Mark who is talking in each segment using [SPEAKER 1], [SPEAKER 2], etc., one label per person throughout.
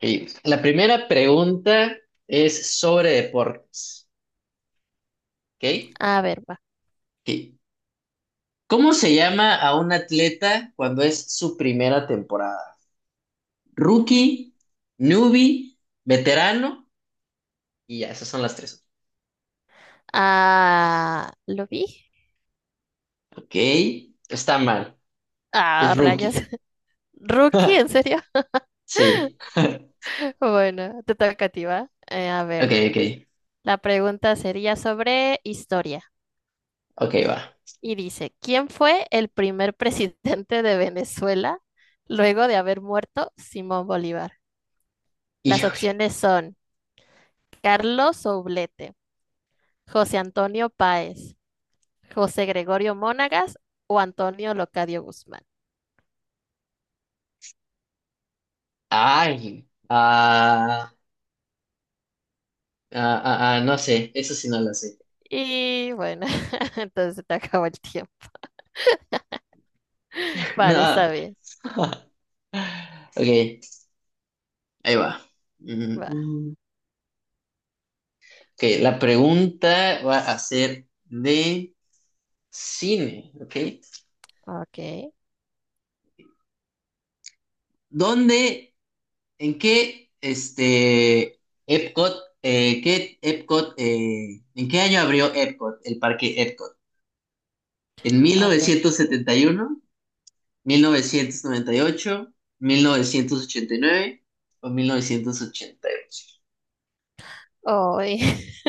[SPEAKER 1] Y la primera pregunta es sobre deportes, ¿ok?
[SPEAKER 2] A ver, va.
[SPEAKER 1] Sí. ¿Cómo se llama a un atleta cuando es su primera temporada? Rookie, newbie, veterano y ya, esas son las tres.
[SPEAKER 2] Ah, ¿lo vi?
[SPEAKER 1] Ok, está mal,
[SPEAKER 2] Ah,
[SPEAKER 1] es
[SPEAKER 2] rayas.
[SPEAKER 1] rookie.
[SPEAKER 2] ¿Rookie? ¿En serio?
[SPEAKER 1] Sí, ok,
[SPEAKER 2] Bueno, te toca a ti, ¿va? A ver,
[SPEAKER 1] ok,
[SPEAKER 2] la pregunta sería sobre historia.
[SPEAKER 1] ok, va.
[SPEAKER 2] Y dice, ¿quién fue el primer presidente de Venezuela luego de haber muerto Simón Bolívar? Las
[SPEAKER 1] Híjole,
[SPEAKER 2] opciones son Carlos Oblete, José Antonio Páez, José Gregorio Monagas o Antonio Locadio Guzmán.
[SPEAKER 1] ay, no sé, eso sí no lo sé.
[SPEAKER 2] Y bueno, entonces te acabó el tiempo. Vale,
[SPEAKER 1] No.
[SPEAKER 2] está bien.
[SPEAKER 1] Ok, ahí va.
[SPEAKER 2] Va,
[SPEAKER 1] Mm, ok, la pregunta va a ser de cine, ¿ok?
[SPEAKER 2] ok,
[SPEAKER 1] ¿Dónde, en qué, Epcot, qué Epcot, en qué año abrió Epcot, el parque Epcot? ¿En mil
[SPEAKER 2] ok.
[SPEAKER 1] novecientos setenta y uno, 1998, 1989 o 1988?
[SPEAKER 2] Hoy,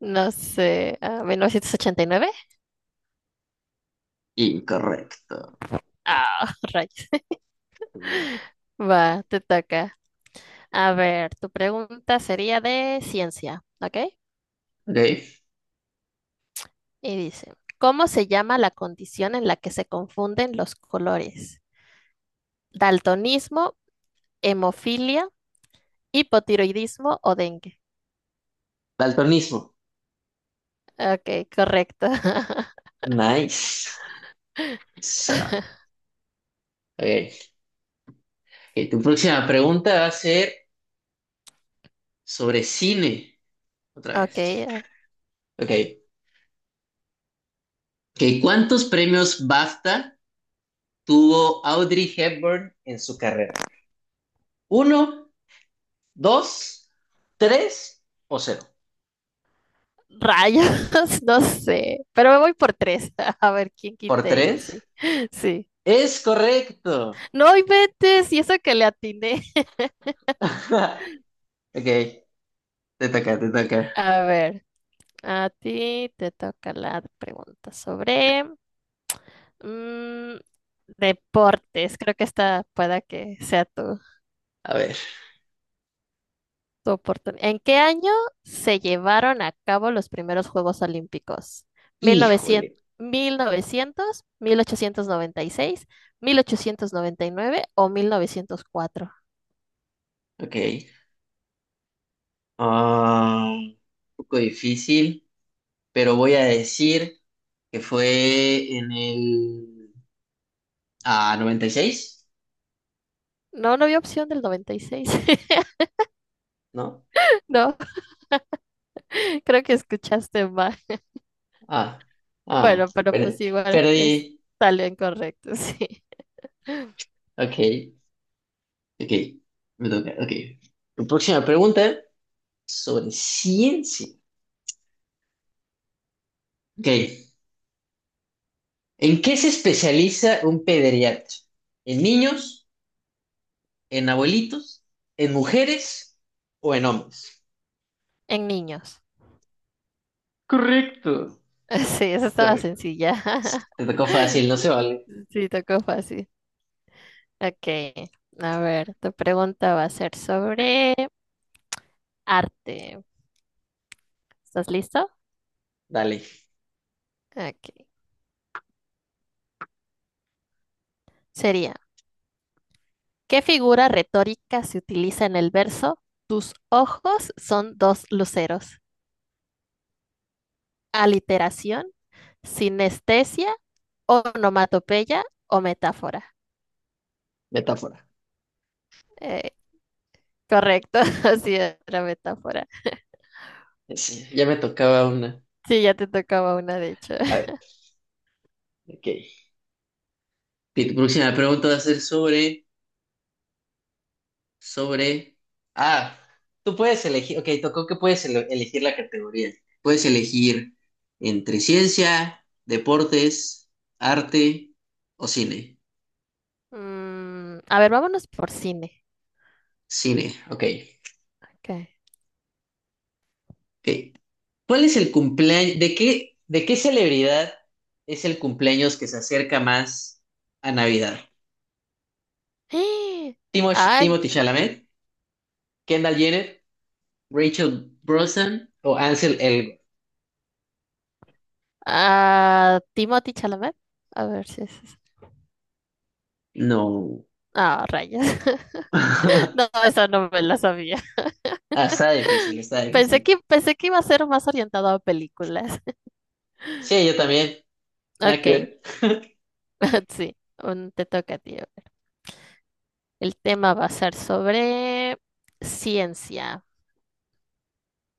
[SPEAKER 2] no sé, ah, 1989.
[SPEAKER 1] Incorrecto.
[SPEAKER 2] Ah, rayos.
[SPEAKER 1] Mm,
[SPEAKER 2] Va, te toca. A ver, tu pregunta sería de ciencia, ¿ok?
[SPEAKER 1] Ok,
[SPEAKER 2] Y dice, ¿cómo se llama la condición en la que se confunden los colores? ¿Daltonismo, hemofilia, hipotiroidismo o dengue?
[SPEAKER 1] daltonismo.
[SPEAKER 2] Ok, correcto.
[SPEAKER 1] Nice. So, ok. Ok, tu próxima pregunta va a ser sobre cine, otra
[SPEAKER 2] Ok.
[SPEAKER 1] vez. Ok, ok, ¿cuántos premios BAFTA tuvo Audrey Hepburn en su carrera? ¿Uno, dos, tres o cero?
[SPEAKER 2] Rayas, no sé, pero me voy por tres, a ver quién
[SPEAKER 1] ¿Por
[SPEAKER 2] quite y sí,
[SPEAKER 1] tres?
[SPEAKER 2] sí.
[SPEAKER 1] Es correcto.
[SPEAKER 2] No inventes, y eso que le atiné.
[SPEAKER 1] Ok, te toca, te toca.
[SPEAKER 2] A ver, a ti te toca la pregunta sobre mm, deportes, creo que esta pueda que sea tu,
[SPEAKER 1] A ver,
[SPEAKER 2] tu oportunidad. ¿En qué año se llevaron a cabo los primeros Juegos Olímpicos? Mil mil mil
[SPEAKER 1] híjole.
[SPEAKER 2] mil 896, 1899 o 1904.
[SPEAKER 1] Ok, un poco difícil, pero voy a decir que fue en el 96.
[SPEAKER 2] No, no había opción del 96.
[SPEAKER 1] ¿No?
[SPEAKER 2] No, creo que escuchaste mal.
[SPEAKER 1] Ah,
[SPEAKER 2] Bueno, pero
[SPEAKER 1] bueno,
[SPEAKER 2] pues igual es,
[SPEAKER 1] perdí.
[SPEAKER 2] salió incorrecto, sí.
[SPEAKER 1] Ok, ok, me toca, ok. Tu próxima pregunta sobre ciencia. Ok, ¿en qué se especializa un pediatra? ¿En niños? ¿En abuelitos? ¿En mujeres? ¿O en hombres?
[SPEAKER 2] En niños.
[SPEAKER 1] Correcto.
[SPEAKER 2] Sí, esa estaba
[SPEAKER 1] Correcto.
[SPEAKER 2] sencilla.
[SPEAKER 1] Te tocó fácil, no se vale.
[SPEAKER 2] Sí, tocó fácil. Ok, a ver, tu pregunta va a ser sobre arte. ¿Estás listo?
[SPEAKER 1] Dale,
[SPEAKER 2] Ok. Sería, ¿qué figura retórica se utiliza en el verso? Tus ojos son dos luceros. Aliteración, sinestesia, onomatopeya o metáfora.
[SPEAKER 1] metáfora.
[SPEAKER 2] Eh, correcto, así era metáfora.
[SPEAKER 1] Sí, ya me tocaba una.
[SPEAKER 2] Sí, ya te tocaba una, de hecho.
[SPEAKER 1] A ver, ok. Ok, tu próxima pregunta va a ser sobre, Ah, tú puedes elegir, ok, tocó que puedes elegir la categoría. Puedes elegir entre ciencia, deportes, arte o cine.
[SPEAKER 2] A ver, vámonos por cine.
[SPEAKER 1] Cine, ok.
[SPEAKER 2] Ok.
[SPEAKER 1] Ok. ¿Cuál es el cumpleaños, de qué celebridad es el cumpleaños que se acerca más a Navidad?
[SPEAKER 2] Ay,
[SPEAKER 1] Timothy Chalamet, Kendall Jenner, Rachel Brosnan o Ansel Elgort?
[SPEAKER 2] ah, Timothy Chalamet. A ver si es eso.
[SPEAKER 1] No.
[SPEAKER 2] Ah, rayos. No, eso no me la sabía.
[SPEAKER 1] Ah, está difícil, está
[SPEAKER 2] Pensé
[SPEAKER 1] difícil.
[SPEAKER 2] que, pensé que iba a ser más orientado a películas.
[SPEAKER 1] Sí, yo también. Nada que
[SPEAKER 2] Ok,
[SPEAKER 1] ver.
[SPEAKER 2] sí, te toca, tío. El tema va a ser sobre ciencia.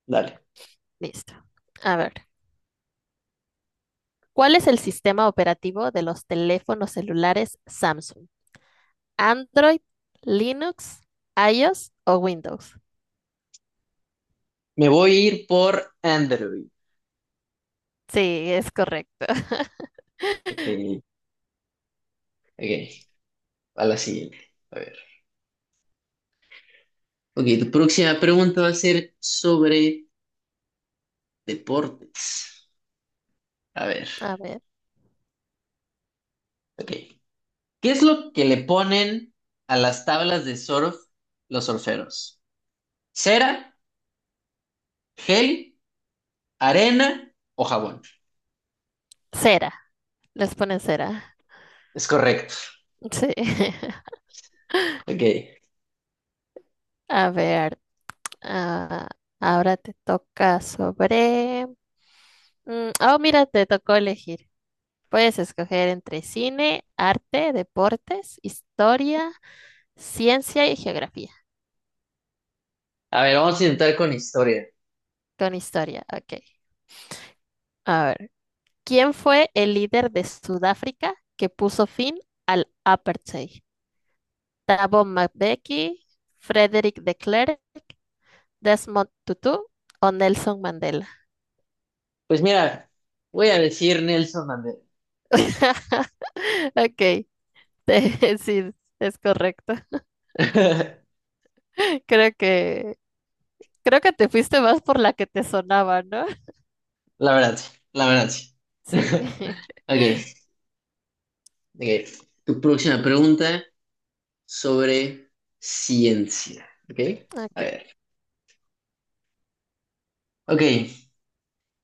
[SPEAKER 1] Dale.
[SPEAKER 2] Listo. A ver, ¿cuál es el sistema operativo de los teléfonos celulares Samsung? ¿Android, Linux, iOS o Windows?
[SPEAKER 1] Me voy a ir por Android.
[SPEAKER 2] Sí, es correcto.
[SPEAKER 1] Ok, ok. A la siguiente. A ver. Ok, tu próxima pregunta va a ser sobre deportes. A ver.
[SPEAKER 2] A ver,
[SPEAKER 1] Ok. ¿Qué es lo que le ponen a las tablas de surf los surferos? ¿Cera, gel, arena o jabón?
[SPEAKER 2] cera. Les ponen cera.
[SPEAKER 1] Es correcto.
[SPEAKER 2] Sí.
[SPEAKER 1] Ok.
[SPEAKER 2] A ver, ah, ahora te toca sobre... Oh, mira, te tocó elegir. Puedes escoger entre cine, arte, deportes, historia, ciencia y geografía.
[SPEAKER 1] A ver, vamos a intentar con historia.
[SPEAKER 2] Con historia, ok. A ver, ¿quién fue el líder de Sudáfrica que puso fin al apartheid? Thabo Mbeki, Frederick de Klerk, Desmond Tutu o Nelson Mandela.
[SPEAKER 1] Pues mira, voy a decir Nelson Mandela.
[SPEAKER 2] Ok, sí, es correcto. Creo que creo que te fuiste más por la que te sonaba, ¿no?
[SPEAKER 1] La verdad, sí, la verdad, sí.
[SPEAKER 2] Sí.
[SPEAKER 1] Ok, ok. Tu próxima pregunta sobre ciencia. Ok, a
[SPEAKER 2] Ok.
[SPEAKER 1] ver. Ok,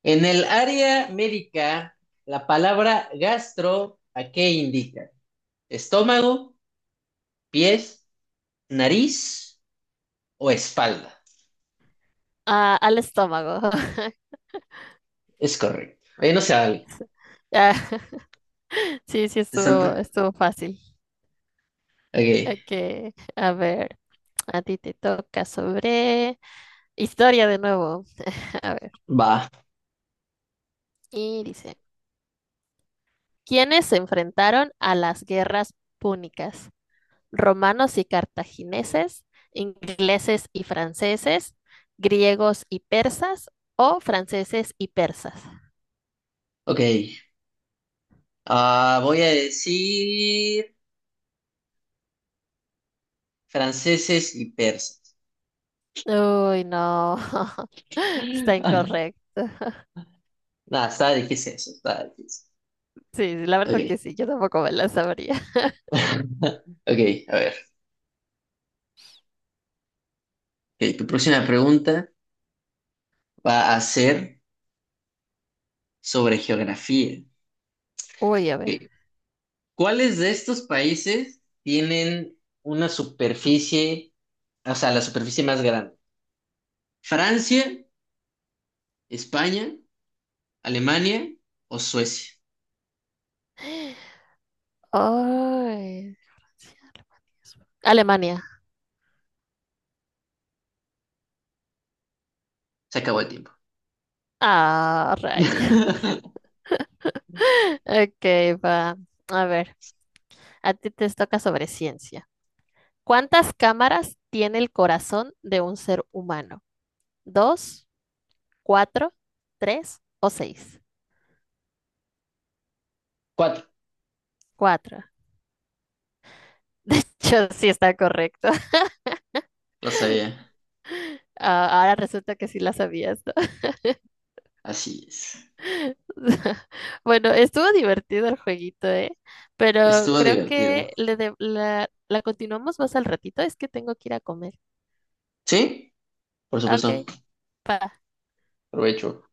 [SPEAKER 1] en el área médica, la palabra gastro, ¿a qué indica? ¿Estómago, pies, nariz o espalda?
[SPEAKER 2] Ah, al estómago.
[SPEAKER 1] Es correcto. Ahí no se vale.
[SPEAKER 2] Ah, sí, sí
[SPEAKER 1] Sesenta.
[SPEAKER 2] estuvo
[SPEAKER 1] ¿Santa?
[SPEAKER 2] estuvo fácil.
[SPEAKER 1] Ok,
[SPEAKER 2] Ok, a ver, a ti te toca sobre historia de nuevo. A ver,
[SPEAKER 1] va.
[SPEAKER 2] y dice, ¿quiénes se enfrentaron a las guerras púnicas? Romanos y cartagineses, ingleses y franceses, griegos y persas o franceses y persas.
[SPEAKER 1] Ok. Voy a decir franceses y persas.
[SPEAKER 2] Uy, no, está incorrecto.
[SPEAKER 1] Nada, está difícil eso, está difícil.
[SPEAKER 2] Sí, sí, la verdad
[SPEAKER 1] Ok.
[SPEAKER 2] que sí, yo tampoco me la sabría.
[SPEAKER 1] Ok, a ver. Ok, tu próxima pregunta va a ser sobre geografía.
[SPEAKER 2] Uy, a ver.
[SPEAKER 1] Ok, ¿cuáles de estos países tienen una superficie, o sea, la superficie más grande? ¿Francia, España, Alemania o Suecia?
[SPEAKER 2] Ay, Francia, Alemania.
[SPEAKER 1] Se acabó el tiempo.
[SPEAKER 2] Ah, ray. Ok, va. A ver, a ti te toca sobre ciencia. ¿Cuántas cámaras tiene el corazón de un ser humano? ¿Dos, cuatro, tres o seis?
[SPEAKER 1] Cuatro.
[SPEAKER 2] Cuatro. De hecho, sí está correcto.
[SPEAKER 1] Lo sabía.
[SPEAKER 2] Ah, ahora resulta que sí la sabías, ¿no?
[SPEAKER 1] Así es.
[SPEAKER 2] Bueno, estuvo divertido el jueguito, ¿eh? Pero
[SPEAKER 1] Estuvo
[SPEAKER 2] creo
[SPEAKER 1] divertido.
[SPEAKER 2] que la continuamos más al ratito. Es que tengo que ir a comer.
[SPEAKER 1] ¿Sí? Por
[SPEAKER 2] Ok,
[SPEAKER 1] supuesto.
[SPEAKER 2] pa.
[SPEAKER 1] Provecho.